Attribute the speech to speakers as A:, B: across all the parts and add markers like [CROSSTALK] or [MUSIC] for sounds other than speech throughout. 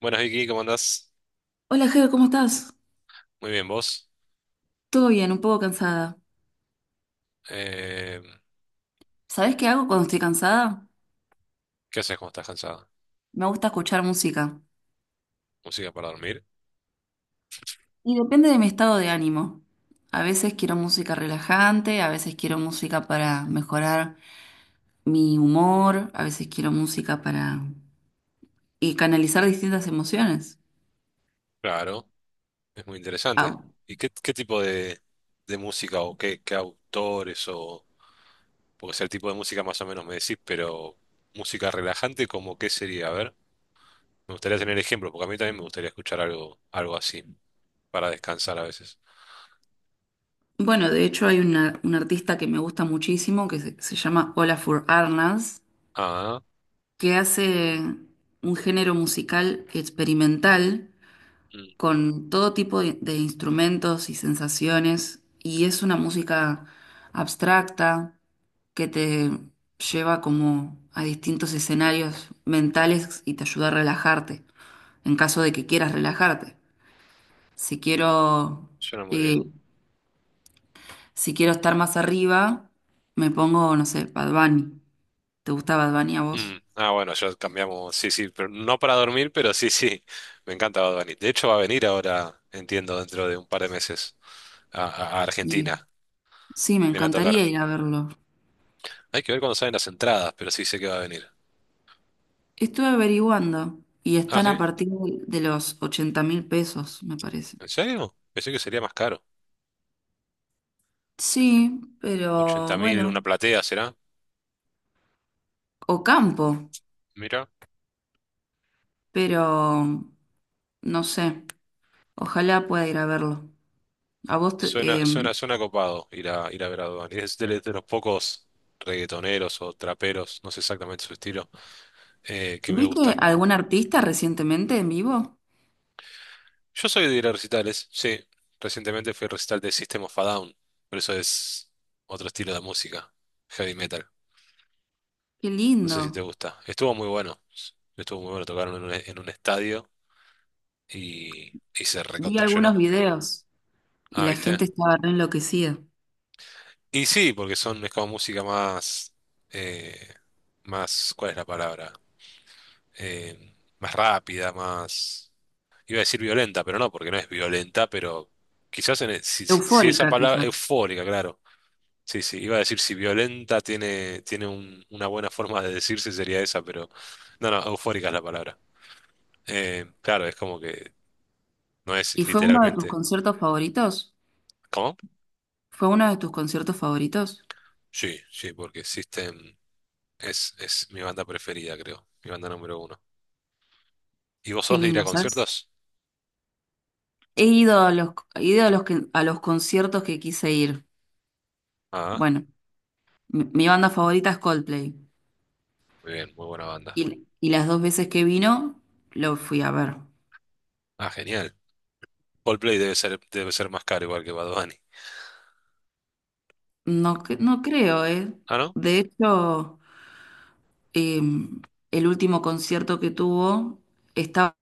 A: Buenas Vicky, ¿cómo andás?
B: Hola, Ger, ¿cómo estás?
A: Muy bien, ¿vos?
B: Todo bien, un poco cansada.
A: Eh,
B: ¿Sabés qué hago cuando estoy cansada?
A: ¿Qué haces cuando estás cansada?
B: Me gusta escuchar música.
A: ¿Música para dormir?
B: Y depende de mi estado de ánimo. A veces quiero música relajante, a veces quiero música para mejorar mi humor, a veces quiero música para y canalizar distintas emociones.
A: Claro, es muy interesante.
B: Ah,
A: ¿Y qué tipo de música o qué autores o... Porque sea el tipo de música más o menos me decís, pero música relajante, ¿cómo qué sería? A ver, me gustaría tener ejemplo, porque a mí también me gustaría escuchar algo así, para descansar a veces.
B: bueno, de hecho hay un artista que me gusta muchísimo que se llama Olafur Arnalds,
A: Ah,
B: que hace un género musical experimental
A: mm,
B: con todo tipo de instrumentos y sensaciones, y es una música abstracta que te lleva como a distintos escenarios mentales y te ayuda a relajarte, en caso de que quieras relajarte. Si quiero,
A: suena muy
B: eh,
A: bien.
B: si quiero estar más arriba, me pongo, no sé, Bad Bunny. ¿Te gusta Bad Bunny a
A: Mm,
B: vos?
A: ah, bueno, ya cambiamos. Sí, sí, pero no para dormir, pero sí, sí. [LAUGHS] Me encanta Bad Bunny. De hecho, va a venir ahora, entiendo, dentro de un par de meses a
B: Sí.
A: Argentina.
B: Sí, me
A: Viene a tocar.
B: encantaría ir a verlo.
A: Hay que ver cuándo salen las entradas, pero sí sé que va a venir.
B: Estuve averiguando y
A: Ah,
B: están a
A: ¿sí?
B: partir de los 80.000 pesos, me parece.
A: ¿En serio? Pensé que sería más caro.
B: Sí,
A: ochenta
B: pero
A: mil una
B: bueno,
A: platea, ¿será?
B: o campo,
A: Mira,
B: pero no sé, ojalá pueda ir a verlo. ¿A vos te-
A: suena,
B: eh,
A: suena, suena copado ir a ver a Bad Bunny. Es de los pocos reggaetoneros o traperos, no sé exactamente su estilo, que me
B: viste
A: gustan.
B: algún artista recientemente en vivo?
A: Yo soy de ir a recitales, sí. Recientemente fui al recital de System of a Down, pero eso es otro estilo de música, heavy metal.
B: Qué
A: No sé si te
B: lindo.
A: gusta. Estuvo muy bueno. Estuvo muy bueno, tocaron en un estadio y se
B: Vi
A: recontrallenó.
B: algunos videos y
A: Ah,
B: la
A: ¿viste?
B: gente estaba re enloquecida,
A: Y sí, porque es como música más, eh, más, ¿cuál es la palabra? Más rápida, más. Iba a decir violenta, pero no, porque no es violenta, pero quizás si esa
B: eufórica
A: palabra,
B: quizás.
A: eufórica, claro. Sí, sí, iba a decir si violenta tiene una buena forma de decirse sería esa, pero no, no, eufórica es la palabra. Claro, es como que no es
B: ¿Y fue uno de tus
A: literalmente.
B: conciertos favoritos?
A: ¿Cómo?
B: ¿Fue uno de tus conciertos favoritos?
A: Sí, sí, porque System es mi banda preferida, creo, mi banda número uno. ¿Y vos
B: Qué
A: sos de ir a
B: lindo, ¿sabes?
A: conciertos?
B: He ido a los, he ido a los, que- a los conciertos que quise ir.
A: Ah,
B: Bueno, mi banda favorita es Coldplay.
A: muy bien, muy buena banda.
B: Y las dos veces que vino, lo fui a ver.
A: Ah, genial. Coldplay debe ser más caro igual que Bad Bunny.
B: No, no creo, ¿eh?
A: Ah, ¿no?
B: De hecho, eh, el último concierto que tuvo estaba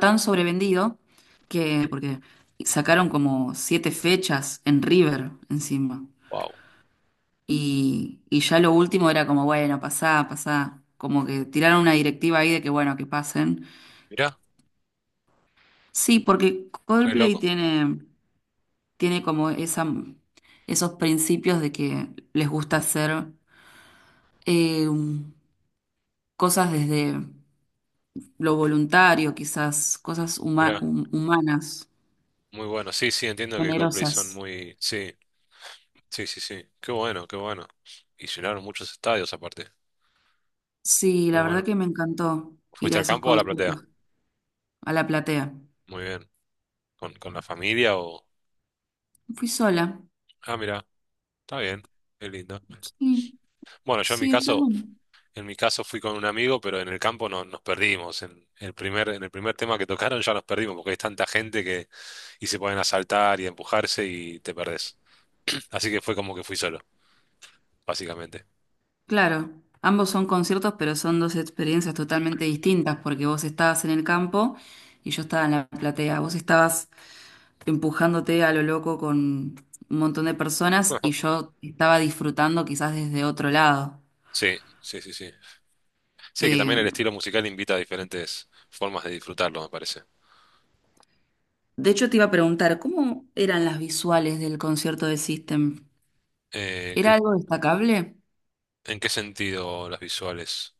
B: tan sobrevendido que, porque sacaron como siete fechas en River encima.
A: Wow.
B: Y ya lo último era como, bueno, pasá, pasá. Como que tiraron una directiva ahí de que, bueno, que pasen.
A: Mirá,
B: Sí, porque
A: re
B: Coldplay
A: loco.
B: tiene. Tiene como esa, esos principios de que les gusta hacer eh, cosas desde lo voluntario, quizás, cosas
A: Mirá,
B: humanas,
A: muy bueno. Sí, sí, entiendo que Coldplay son
B: generosas.
A: muy. Sí. Sí, sí, sí. Qué bueno, qué bueno. Y llenaron muchos estadios aparte.
B: Sí,
A: Muy
B: la verdad
A: bueno.
B: que me encantó ir
A: ¿Fuiste
B: a
A: al
B: esos
A: campo o a la platea?
B: conciertos, a la platea.
A: Muy bien. ¿Con la familia o?
B: Fui sola.
A: Ah, mira, está bien. Qué lindo.
B: Sí,
A: Bueno, yo en mi
B: sí, está
A: caso,
B: bueno.
A: en mi caso fui con un amigo, pero en el campo no, nos perdimos. En el primer tema que tocaron ya nos perdimos, porque hay tanta gente que y se pueden asaltar y empujarse y te perdés. Así que fue como que fui solo, básicamente.
B: Claro, ambos son conciertos, pero son dos experiencias totalmente distintas, porque vos estabas en el campo y yo estaba en la platea. Vos estabas empujándote a lo loco con un montón de personas y
A: [LAUGHS]
B: yo estaba disfrutando quizás desde otro lado.
A: Sí, sí, sí, sí. Sí, que también el
B: Eh,
A: estilo musical invita a diferentes formas de disfrutarlo, me parece.
B: de hecho, te iba a preguntar, ¿cómo eran las visuales del concierto de System?
A: Eh,
B: ¿Era
A: ¿qué-
B: algo destacable?
A: ¿En qué sentido las visuales?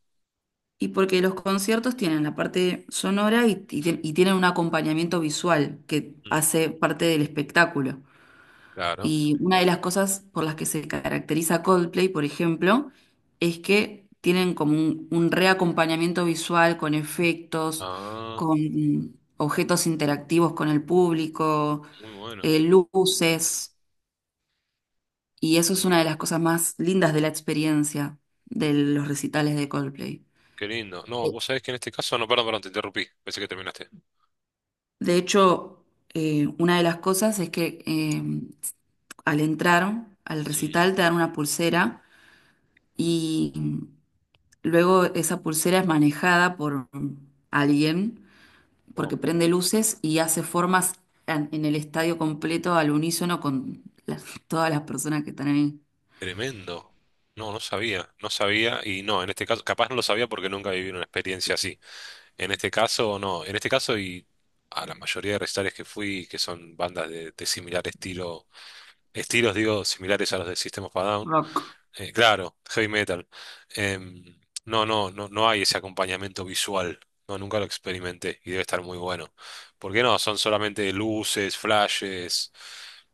B: Y porque los conciertos tienen la parte sonora y, y tienen un acompañamiento visual que
A: Mm.
B: hace parte del espectáculo.
A: Claro.
B: Y una de las cosas por las que se caracteriza Coldplay, por ejemplo, es que tienen como un reacompañamiento visual con efectos,
A: Ah,
B: con objetos interactivos con el público,
A: muy bueno.
B: luces, y eso es
A: Muy
B: una
A: bueno.
B: de las cosas más lindas de la experiencia de los recitales de Coldplay.
A: Qué lindo. No, vos sabés que en este caso, no, perdón, perdón, te interrumpí. Pensé que terminaste.
B: De hecho, una de las cosas es que al entrar al recital te dan una pulsera y luego esa pulsera es manejada por alguien
A: Wow.
B: porque prende luces y hace formas en el estadio completo al unísono con las- [LAUGHS] todas las personas que están ahí.
A: Tremendo. No, no sabía, no sabía y no, en este caso, capaz no lo sabía porque nunca viví una experiencia así. En este caso, no, en este caso y a la mayoría de recitales que fui, que son bandas de similar estilo. Estilos, digo, similares a los de System of a Down.
B: Rock.
A: Claro, heavy metal. Em, no, no, no, no hay ese acompañamiento visual. No, nunca lo experimenté y debe estar muy bueno. ¿Por qué no? Son solamente luces, flashes,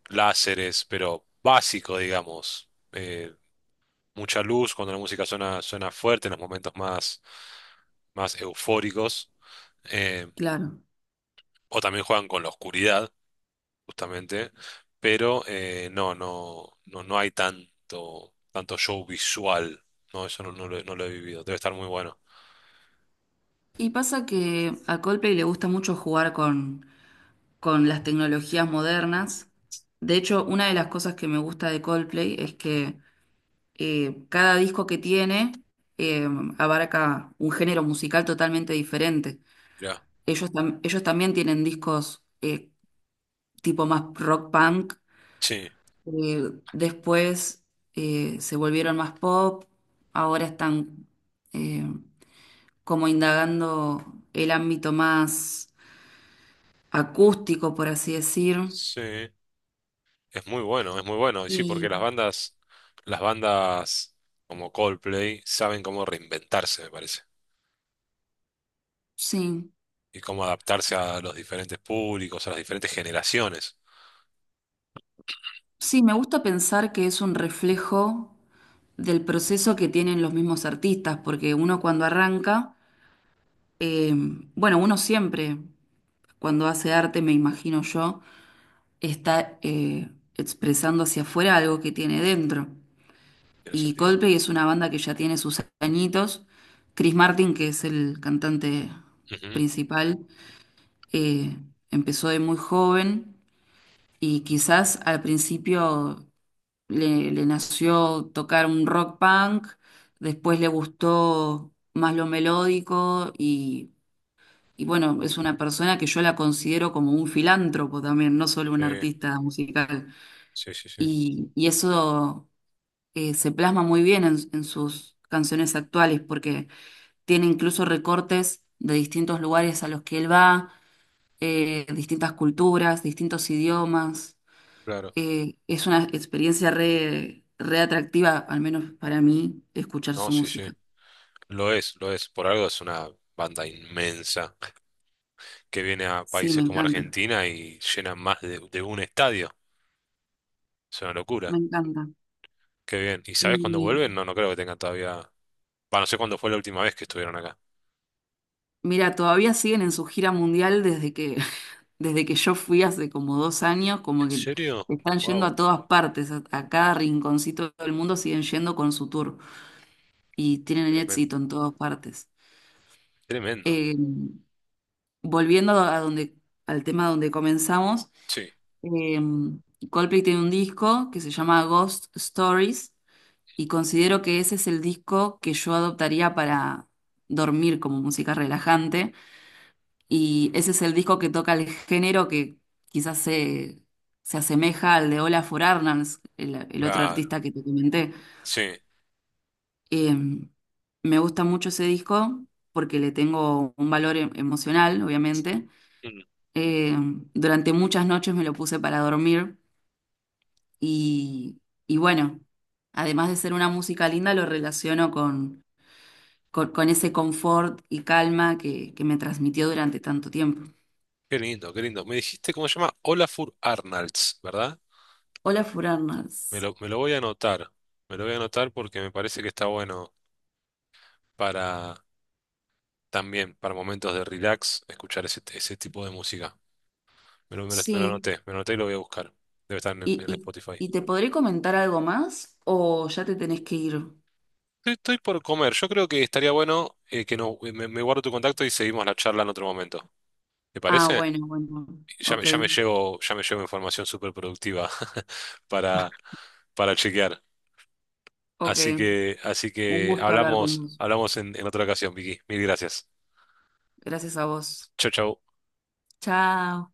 A: láseres, pero básico, digamos. Mucha luz cuando la música suena fuerte en los momentos más, más eufóricos. Eh,
B: Claro.
A: o también juegan con la oscuridad justamente, pero no, no, no, no hay tanto show visual. No, eso no, no lo he vivido. Debe estar muy bueno.
B: Y pasa que a Coldplay le gusta mucho jugar con las tecnologías modernas. De hecho, una de las cosas que me gusta de Coldplay es que cada disco que tiene eh, abarca un género musical totalmente diferente.
A: Mirá.
B: Ellos también tienen discos tipo más rock punk.
A: Sí,
B: Después se volvieron más pop. Ahora están eh, como indagando el ámbito más acústico, por así decir.
A: sí. Es muy bueno, es muy bueno. Y sí, porque
B: Y
A: las bandas como Coldplay saben cómo reinventarse, me parece.
B: sí,
A: Y cómo adaptarse a los diferentes públicos, a las diferentes generaciones,
B: sí, me gusta pensar que es un reflejo del proceso que tienen los mismos artistas, porque uno cuando arranca, eh, bueno, uno siempre cuando hace arte, me imagino yo está expresando hacia afuera algo que tiene dentro.
A: en el
B: Y
A: sentido.
B: Coldplay es una banda que ya tiene sus añitos. Chris Martin, que es el cantante
A: Ujú.
B: principal, eh, empezó de muy joven y quizás al principio le nació tocar un rock punk, después le gustó más lo melódico y bueno, es una persona que yo la considero como un filántropo también, no solo
A: Sí,
B: un artista musical.
A: sí, sí, sí.
B: Y eso se plasma muy bien en sus canciones actuales, porque tiene incluso recortes de distintos lugares a los que él va, distintas culturas, distintos idiomas.
A: Claro.
B: Es una experiencia re, re atractiva, al menos para mí, escuchar
A: No,
B: su
A: sí, sí.
B: música.
A: Lo es, lo es. Por algo es una banda inmensa. Que viene a
B: Sí, me
A: países como
B: encanta,
A: Argentina y llenan más de un estadio. Es una
B: me
A: locura.
B: encanta.
A: Qué bien. ¿Y sabes cuándo
B: Y
A: vuelven? No, no creo que tengan todavía. Va, no sé cuándo fue la última vez que estuvieron acá.
B: mira, todavía siguen en su gira mundial desde que, [LAUGHS] desde que yo fui hace como 2 años,
A: ¿En
B: como que
A: serio?
B: están yendo a
A: Wow,
B: todas partes, a cada rinconcito del mundo siguen yendo con su tour y tienen
A: tremendo.
B: éxito en todas partes.
A: Tremendo.
B: Eh, volviendo a donde, al tema donde comenzamos,
A: Sí,
B: eh, Coldplay tiene un disco que se llama Ghost Stories y considero que ese es el disco que yo adoptaría para dormir como música relajante. Y ese es el disco que toca el género que quizás se asemeja al de Olafur Arnalds, el otro
A: claro.
B: artista que te comenté.
A: Sí.
B: Eh, me gusta mucho ese disco porque le tengo un valor emocional, obviamente.
A: Mm,
B: Eh, durante muchas noches me lo puse para dormir y, y bueno, además de ser una música linda, lo relaciono con, con ese confort y calma que me transmitió durante tanto tiempo.
A: qué lindo, qué lindo. Me dijiste cómo se llama Olafur Arnalds, ¿verdad?
B: Olafur
A: Me
B: Arnalds.
A: lo, me lo voy a anotar. Me lo voy a anotar porque me parece que está bueno para también, para momentos de relax, escuchar ese tipo de música. Me lo
B: Sí,
A: anoté, me lo anoté y lo voy a buscar. Debe estar en,
B: ¿y,
A: en Spotify.
B: y te podré comentar algo más o ya te tenés que ir?
A: Estoy por comer. Yo creo que estaría bueno que no, me guardo tu contacto y seguimos la charla en otro momento. ¿Te
B: Ah,
A: parece?
B: bueno, bueno.
A: Ya me,
B: Ok,
A: ya me llevo, ya me llevo información súper productiva [LAUGHS] para, para chequear.
B: ok.
A: Así que, así
B: Un
A: que
B: gusto hablar con
A: hablamos,
B: vos.
A: hablamos en otra ocasión, Vicky. Mil gracias.
B: Gracias a vos.
A: Chau, chau.
B: Chao.